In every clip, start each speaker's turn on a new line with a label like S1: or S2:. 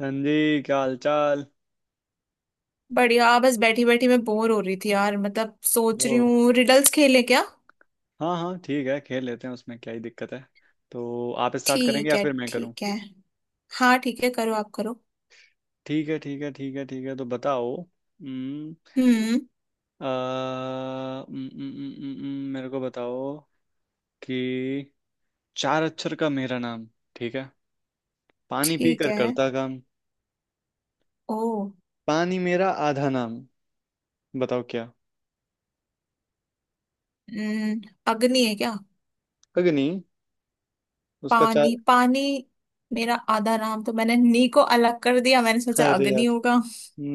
S1: हाँ जी, क्या हाल चाल।
S2: बढ़िया। बस बैठी बैठी मैं बोर हो रही थी यार, मतलब सोच
S1: ओ,
S2: रही हूँ रिडल्स खेलें क्या।
S1: हाँ हाँ, ठीक है, खेल लेते हैं उसमें क्या ही दिक्कत है। तो आप स्टार्ट करेंगे
S2: ठीक
S1: या
S2: है,
S1: फिर मैं करूँ?
S2: ठीक है। हाँ ठीक है, करो, आप करो।
S1: ठीक है ठीक है ठीक है ठीक है, तो बताओ।
S2: हम्म,
S1: आ, मेरे को बताओ कि चार अक्षर का मेरा नाम, ठीक है, पानी
S2: ठीक
S1: पीकर
S2: है।
S1: करता काम,
S2: ओ।
S1: पानी मेरा आधा नाम, बताओ क्या।
S2: हम्म, अग्नि है क्या?
S1: अग्नि? उसका चार।
S2: पानी, पानी मेरा आधा नाम, तो मैंने नी को अलग कर दिया, मैंने सोचा
S1: अरे यार,
S2: अग्नि होगा।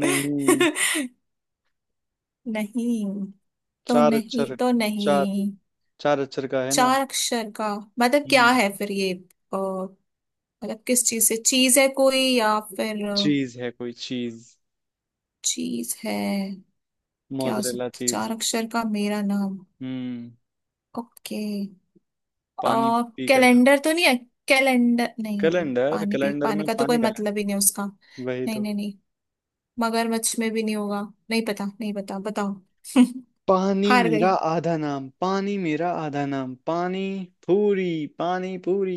S1: नहीं।
S2: नहीं तो
S1: चार
S2: नहीं,
S1: अक्षर,
S2: तो
S1: चार,
S2: नहीं।
S1: चार अक्षर का है नाम।
S2: चार अक्षर का मतलब क्या
S1: हम्म
S2: है फिर ये? मतलब किस चीज से, चीज है कोई या फिर?
S1: चीज है कोई चीज।
S2: चीज है। क्या हो
S1: मोजरेला
S2: सकता है?
S1: चीज।
S2: चार अक्षर का मेरा नाम।
S1: हम्म
S2: ओके।
S1: पानी पी कर खाते
S2: कैलेंडर
S1: हैं।
S2: तो नहीं है? कैलेंडर नहीं है,
S1: कैलेंडर,
S2: पानी पी,
S1: कैलेंडर
S2: पानी
S1: में
S2: का तो कोई
S1: पानी कहाँ
S2: मतलब ही नहीं है उसका।
S1: है? वही
S2: नहीं
S1: तो।
S2: नहीं नहीं। मगरमच्छ में भी नहीं होगा। नहीं पता, नहीं पता, बताओ।
S1: पानी
S2: हार
S1: मेरा
S2: गई।
S1: आधा नाम, पानी मेरा आधा नाम, पानी पूरी। पानी पूरी।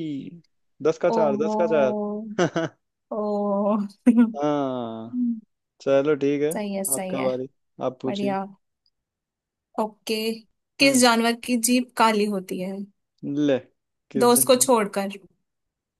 S1: 10 का चार, 10
S2: ओहो।
S1: का चार।
S2: ओ।
S1: हाँ, चलो ठीक है।
S2: सही है, सही
S1: आपका
S2: है।
S1: बारी, आप पूछिए।
S2: बढ़िया। ओके। किस
S1: हम्म,
S2: जानवर की जीभ काली होती है?
S1: ले, किस
S2: दोस्त को
S1: जन्म।
S2: छोड़कर।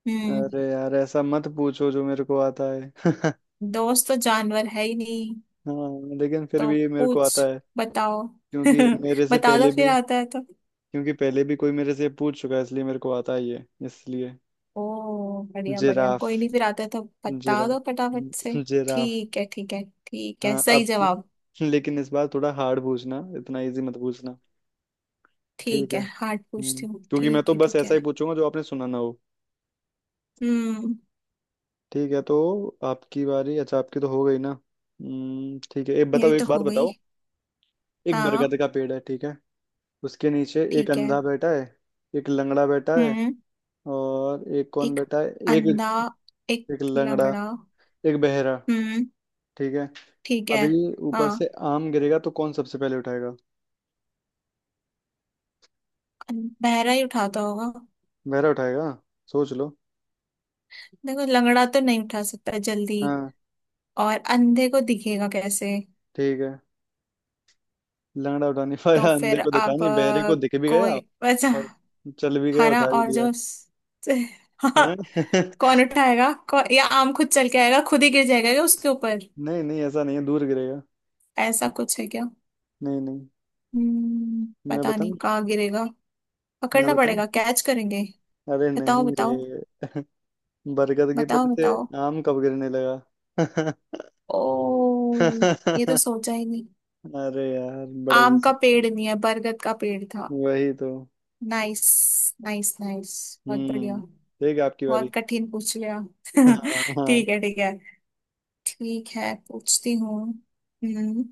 S2: हम्म।
S1: अरे यार, ऐसा मत पूछो जो मेरे को आता है।
S2: दोस्त तो जानवर है ही नहीं।
S1: हाँ, लेकिन फिर
S2: तो
S1: भी मेरे को
S2: पूछ,
S1: आता है।
S2: बताओ।
S1: क्योंकि मेरे से
S2: बता दो
S1: पहले
S2: फिर,
S1: भी।
S2: आता है तो।
S1: क्योंकि पहले भी कोई मेरे से पूछ चुका है, इसलिए मेरे को आता ही है, इसलिए।
S2: ओ बढ़िया, बढ़िया,
S1: जिराफ,
S2: कोई नहीं, फिर आता है तो बता
S1: जिराफ,
S2: दो फटाफट से।
S1: जिराफ।
S2: ठीक है, ठीक है, ठीक है,
S1: हाँ, अब
S2: सही
S1: की-
S2: जवाब।
S1: लेकिन इस बार थोड़ा हार्ड पूछना, इतना इजी मत पूछना। ठीक
S2: ठीक
S1: है।
S2: है हार्ड पूछती हूँ,
S1: क्योंकि मैं
S2: ठीक
S1: तो
S2: है
S1: बस
S2: ठीक
S1: ऐसा ही
S2: है।
S1: पूछूंगा जो आपने सुना ना हो।
S2: हम्म।
S1: ठीक है, तो आपकी बारी। अच्छा, आपकी तो हो गई ना। ठीक है, एक बताओ,
S2: मेरी तो
S1: एक बात
S2: हो गई।
S1: बताओ। एक
S2: हाँ।
S1: बरगद का पेड़ है, ठीक है। उसके नीचे एक
S2: ठीक है।
S1: अंधा बैठा है। एक लंगड़ा बैठा है।
S2: हम्म।
S1: और एक कौन
S2: एक
S1: बैठा है? एक,
S2: अंधा। एक
S1: एक लंगड़ा,
S2: लंगड़ा।
S1: एक बहरा।
S2: हम्म।
S1: ठीक है।
S2: ठीक है।
S1: अभी ऊपर
S2: हाँ,
S1: से आम गिरेगा तो कौन सबसे पहले उठाएगा?
S2: बहरा ही उठाता होगा।
S1: बहरा उठाएगा। सोच लो।
S2: देखो, लंगड़ा तो नहीं उठा सकता जल्दी।
S1: हाँ,
S2: और अंधे को दिखेगा कैसे?
S1: ठीक है। लंगड़ा उठा नहीं
S2: तो
S1: पाया, अंधे
S2: फिर
S1: को दिखा
S2: आप
S1: नहीं, बहरे को दिख भी गया।
S2: कोई वैसे।
S1: और चल भी गया,
S2: हरा
S1: उठा भी
S2: और
S1: लिया।
S2: जो स- हाँ।
S1: हैं?
S2: कौन उठाएगा? या आम खुद चल के आएगा? खुद ही गिर जाएगा क्या उसके ऊपर?
S1: नहीं नहीं, ऐसा नहीं है, दूर गिरेगा।
S2: ऐसा कुछ है क्या?
S1: नहीं नहीं। मैं
S2: पता नहीं
S1: बताऊं?
S2: कहाँ गिरेगा।
S1: मैं
S2: पकड़ना
S1: बताऊं?
S2: पड़ेगा, कैच करेंगे।
S1: अरे
S2: बताओ,
S1: नहीं
S2: बताओ।
S1: रे। बरगद के
S2: बताओ,
S1: पेड़ से
S2: बताओ।
S1: आम कब गिरने लगा?
S2: ओ। ये तो सोचा ही नहीं।
S1: अरे यार, बड़ा
S2: आम
S1: इजी
S2: का
S1: था।
S2: पेड़ नहीं है, बरगद का पेड़ था।
S1: वही तो।
S2: Nice nice nice. बहुत बढ़िया।
S1: ठीक है, आपकी बारी।
S2: बहुत कठिन पूछ लिया।
S1: हाँ हाँ।
S2: ठीक है, ठीक है। ठीक है पूछती हूँ। हम्म।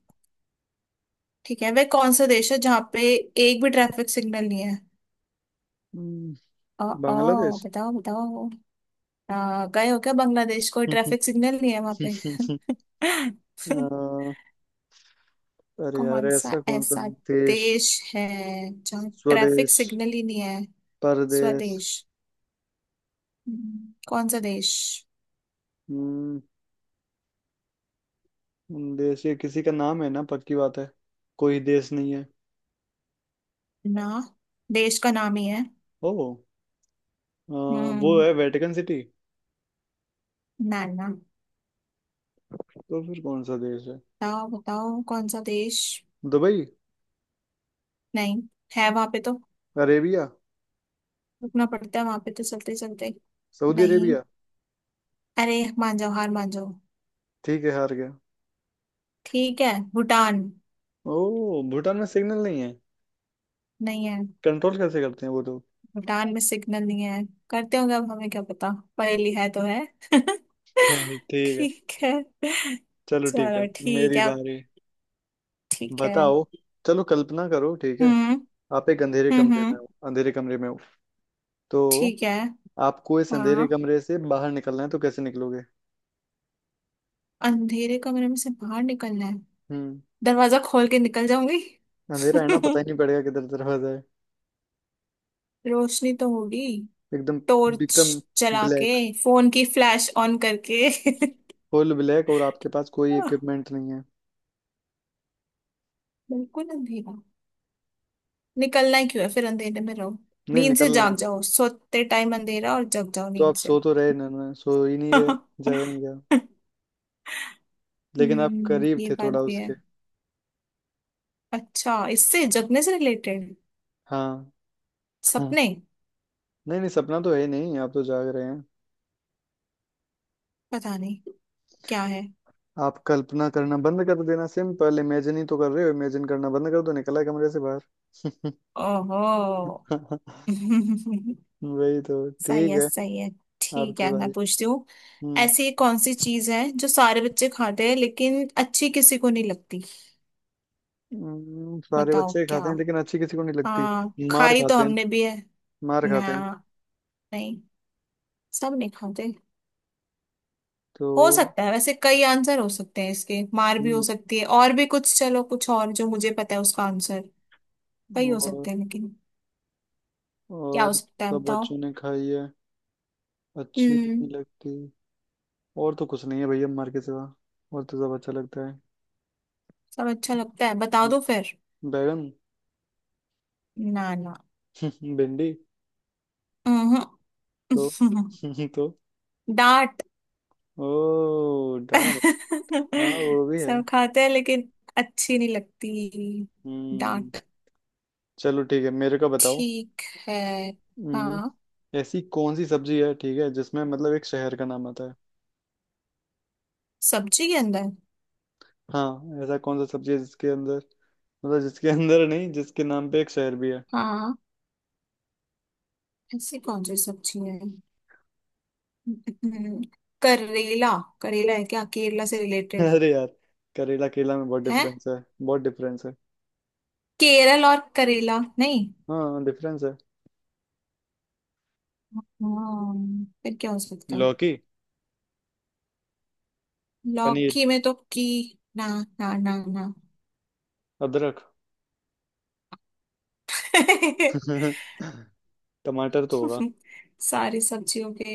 S2: ठीक है, वह कौन सा देश है जहाँ पे एक भी ट्रैफिक सिग्नल नहीं है? आ, आ,
S1: बांग्लादेश।
S2: बताओ बताओ। आ, गए हो क्या बांग्लादेश? कोई ट्रैफिक सिग्नल नहीं है वहां पे?
S1: अह, अरे यार,
S2: कौन सा
S1: ऐसा कौन सा
S2: ऐसा
S1: देश।
S2: देश है जहाँ ट्रैफिक
S1: स्वदेश,
S2: सिग्नल ही नहीं है?
S1: परदेश।
S2: स्वदेश। कौन सा देश?
S1: हम्म देश ये किसी का नाम है ना, पक्की बात है। कोई देश नहीं है।
S2: ना, देश का नाम ही है।
S1: ओ, अह, वो
S2: हम्म।
S1: है वेटिकन सिटी।
S2: ना ना।
S1: तो फिर कौन सा देश है?
S2: बताओ बताओ, कौन सा देश?
S1: दुबई।
S2: नहीं, है वहां पे तो।
S1: अरेबिया।
S2: रुकना पड़ता है वहां पे तो चलते चलते।
S1: सऊदी
S2: नहीं।
S1: अरेबिया।
S2: अरे मान जाओ, हार मान जाओ।
S1: ठीक है, हार गया।
S2: ठीक है, भूटान।
S1: ओ, भूटान में सिग्नल नहीं है?
S2: नहीं है।
S1: कंट्रोल कैसे करते हैं वो लोग?
S2: भूटान में सिग्नल नहीं है। करते होंगे, अब हमें क्या पता। पहेली है तो है।
S1: खैर, ठीक है।
S2: ठीक है।
S1: चलो ठीक
S2: चलो
S1: है।
S2: ठीक
S1: मेरी
S2: है अब।
S1: बारी।
S2: ठीक है।
S1: बताओ। चलो कल्पना करो, ठीक है।
S2: हम्म,
S1: आप एक अंधेरे
S2: हम्म,
S1: कमरे में हो, अंधेरे कमरे में हो। तो
S2: ठीक है।
S1: आपको इस अंधेरे
S2: हाँ।
S1: कमरे से बाहर निकलना है, तो कैसे निकलोगे?
S2: अंधेरे कमरे में से बाहर निकलना है।
S1: हम्म
S2: दरवाजा खोल के निकल जाऊंगी।
S1: अंधेरा है ना, पता ही नहीं पड़ेगा किधर दरवाजा है।
S2: रोशनी तो होगी।
S1: एकदम,
S2: टॉर्च
S1: एकदम
S2: जला के।
S1: ब्लैक।
S2: फोन की फ्लैश ऑन करके।
S1: फुल ब्लैक, और आपके पास कोई इक्विपमेंट नहीं है।
S2: बिल्कुल अंधेरा। निकलना ही क्यों है फिर? अंधेरे में रहो।
S1: नहीं,
S2: नींद से
S1: निकलना है।
S2: जाग जाओ, सोते टाइम अंधेरा, और जग जाओ
S1: तो
S2: नींद
S1: आप
S2: से।
S1: सो तो रहे ना, ना सो ही नहीं रहे।
S2: हम्म।
S1: जागेंगे आप। लेकिन आप करीब
S2: ये
S1: थे,
S2: बात
S1: थोड़ा
S2: भी है।
S1: उसके।
S2: अच्छा, इससे जगने से रिलेटेड।
S1: हाँ। हाँ।
S2: सपने।
S1: नहीं नहीं, सपना तो है ही नहीं, आप तो जाग रहे हैं।
S2: पता नहीं क्या है।
S1: आप कल्पना करना बंद कर देना, सिंपल, इमेजिन ही तो कर रहे हो, इमेजिन करना बंद कर दो, निकला कमरे से बाहर।
S2: ओहो।
S1: वही तो
S2: सही
S1: ठीक
S2: है,
S1: है।
S2: सही है। ठीक
S1: आपकी
S2: है मैं
S1: बारी।
S2: पूछती हूँ।
S1: हम्म
S2: ऐसी कौन सी चीज है जो सारे बच्चे खाते हैं लेकिन अच्छी किसी को नहीं लगती?
S1: सारे
S2: बताओ
S1: बच्चे
S2: क्या।
S1: खाते हैं लेकिन अच्छी किसी को नहीं लगती।
S2: हाँ,
S1: मार
S2: खाई तो
S1: खाते हैं,
S2: हमने भी है।
S1: मार
S2: ना।
S1: खाते हैं।
S2: नहीं सब नहीं खाते।
S1: तो।
S2: हो सकता है, वैसे कई आंसर हो सकते हैं इसके, मार भी हो
S1: हम्म
S2: सकती है और भी कुछ, चलो कुछ और जो मुझे पता है उसका आंसर। कई हो
S1: और
S2: सकते हैं लेकिन। क्या हो
S1: और
S2: सकता है
S1: सब
S2: बताओ।
S1: बच्चों ने खाई है, अच्छी नहीं
S2: हम्म।
S1: लगती। और तो कुछ नहीं है भैया, मार के सिवा। और तो सब अच्छा लगता है।
S2: सब अच्छा लगता है, बता दो फिर।
S1: बैगन।
S2: ना ना।
S1: भिंडी।
S2: अहं।
S1: तो। तो।
S2: डांट।
S1: ओ, डाल। हाँ, वो भी है।
S2: सब खाते हैं लेकिन अच्छी नहीं लगती।
S1: हम्म
S2: डांट।
S1: चलो ठीक है, मेरे को बताओ।
S2: ठीक है।
S1: हम्म,
S2: हाँ।
S1: ऐसी कौन सी सब्जी है, ठीक है, जिसमें मतलब एक शहर का नाम आता है।
S2: सब्जी के अंदर?
S1: हाँ, ऐसा कौन सा सब्जी है जिसके अंदर, मतलब, जिसके अंदर नहीं, जिसके नाम पे एक शहर भी है।
S2: हाँ, ऐसी कौन सी सब्जी है? हम्म, करेला। करेला है क्या? केरला से रिलेटेड
S1: अरे यार। करेला, केला में बहुत
S2: है?
S1: डिफरेंस है। बहुत डिफरेंस है।
S2: केरल और करेला नहीं?
S1: हाँ, डिफरेंस है।
S2: हाँ। फिर क्या हो सकता है?
S1: लौकी। पनीर।
S2: लौकी में तो की। ना ना ना। ना।
S1: अदरक। टमाटर तो होगा।
S2: सारी सब्जियों के।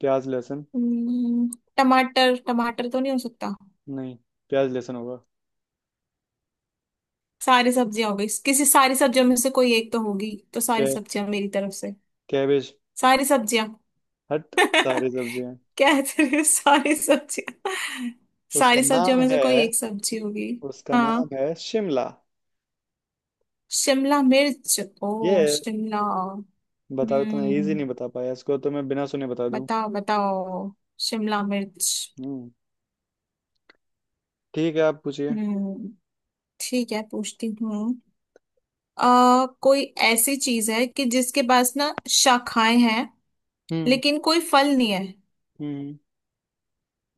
S1: प्याज, लहसुन।
S2: हम्म, टमाटर, टमाटर तो नहीं हो सकता।
S1: नहीं। प्याज, लहसुन होगा।
S2: सारी सब्जियां हो गई किसी। सारी सब्जियों में से कोई एक तो होगी, तो सारी
S1: कै
S2: सब्जियां मेरी तरफ से।
S1: कैबेज।
S2: सारी सब्जियां।
S1: हट। सारी सब्जियां।
S2: क्या है तेरे सारी सब्जियां।
S1: उसका
S2: सारी सब्जियों
S1: नाम
S2: में से
S1: है,
S2: कोई एक सब्जी होगी।
S1: उसका
S2: हाँ,
S1: नाम है शिमला।
S2: शिमला मिर्च। ओ शिमला।
S1: बताओ, इतना इजी
S2: हम्म।
S1: नहीं बता पाया इसको, तो मैं बिना सुने बता दूं।
S2: बताओ, बताओ, शिमला मिर्च।
S1: हम्म ठीक है, आप पूछिए।
S2: हम्म। ठीक है, पूछती हूँ। आ, कोई ऐसी चीज है कि जिसके पास ना शाखाएं हैं
S1: हम्म
S2: लेकिन कोई फल नहीं है।
S1: हम्म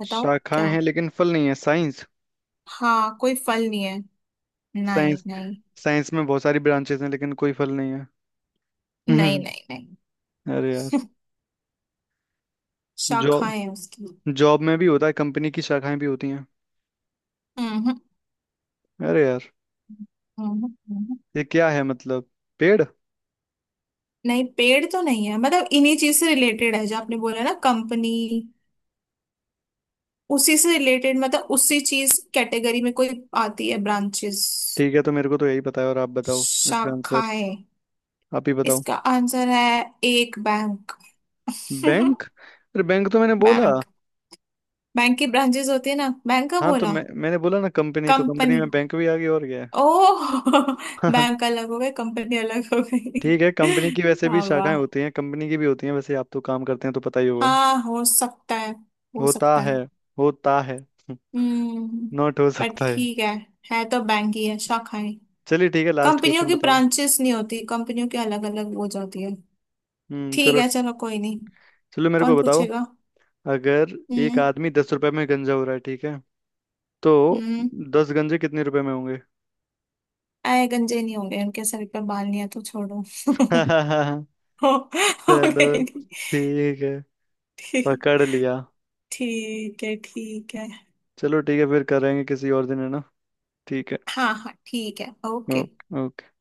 S2: बताओ क्या?
S1: शाखाएं हैं लेकिन फल नहीं है? साइंस।
S2: हाँ, कोई फल नहीं है। नहीं
S1: साइंस,
S2: नहीं
S1: साइंस में बहुत सारी ब्रांचेस हैं लेकिन कोई फल नहीं है।
S2: नहीं।
S1: हम्म
S2: नहीं नहीं।
S1: अरे यार। जॉब।
S2: शाखाएं हैं उसकी।
S1: जॉब में भी होता है, कंपनी की शाखाएं भी होती हैं।
S2: हम्म, हम्म,
S1: अरे यार,
S2: हम्म।
S1: ये क्या है मतलब? पेड़।
S2: नहीं, पेड़ तो नहीं है, मतलब इन्हीं चीज से रिलेटेड है जो आपने बोला ना, कंपनी। उसी से रिलेटेड, मतलब उसी चीज कैटेगरी में कोई आती है, ब्रांचेस,
S1: ठीक है, तो मेरे को तो यही पता है, और आप बताओ इसका आंसर।
S2: शाखाएं।
S1: आप ही बताओ।
S2: इसका आंसर है एक बैंक।
S1: बैंक? अरे, बैंक तो मैंने बोला।
S2: बैंक। बैंक की ब्रांचेस होती है ना, बैंक का
S1: हाँ, तो
S2: बोला।
S1: मैंने बोला ना कंपनी, तो कंपनी
S2: कंपनी।
S1: में बैंक भी आ गई, और क्या।
S2: ओह,
S1: है।
S2: बैंक अलग हो गए, कंपनी अलग हो गई।
S1: ठीक है, कंपनी की वैसे भी
S2: वाह
S1: शाखाएं
S2: वाह।
S1: होती हैं, कंपनी की भी होती हैं वैसे, आप तो काम करते हैं तो पता ही होगा।
S2: हाँ हो सकता है, हो
S1: होता
S2: सकता है।
S1: है, होता है।
S2: हम्म।
S1: नॉट हो
S2: बट
S1: सकता है।
S2: ठीक है। है तो बैंक ही है, शाखा है।
S1: चलिए ठीक है, लास्ट
S2: कंपनियों
S1: क्वेश्चन
S2: की
S1: बताओ।
S2: ब्रांचेस नहीं होती, कंपनियों की अलग अलग हो जाती है। ठीक
S1: चलो।
S2: है, चलो कोई नहीं।
S1: चलो मेरे को
S2: कौन
S1: बताओ।
S2: पूछेगा?
S1: अगर एक
S2: हम्म।
S1: आदमी 10 रुपए में गंजा हो रहा है, ठीक है। तो
S2: हम्म।
S1: दस गंजे कितने रुपए में होंगे?
S2: आए, गंजे नहीं होंगे, उनके सर पे बाल नहीं है तो छोड़ो। हो हो
S1: चलो
S2: गई।
S1: ठीक है,
S2: ठीक।
S1: पकड़ लिया।
S2: ठीक है, ठीक है।
S1: चलो ठीक है, फिर करेंगे किसी और दिन है ना। ठीक है।
S2: हाँ हाँ ठीक है, ओके।
S1: ओके।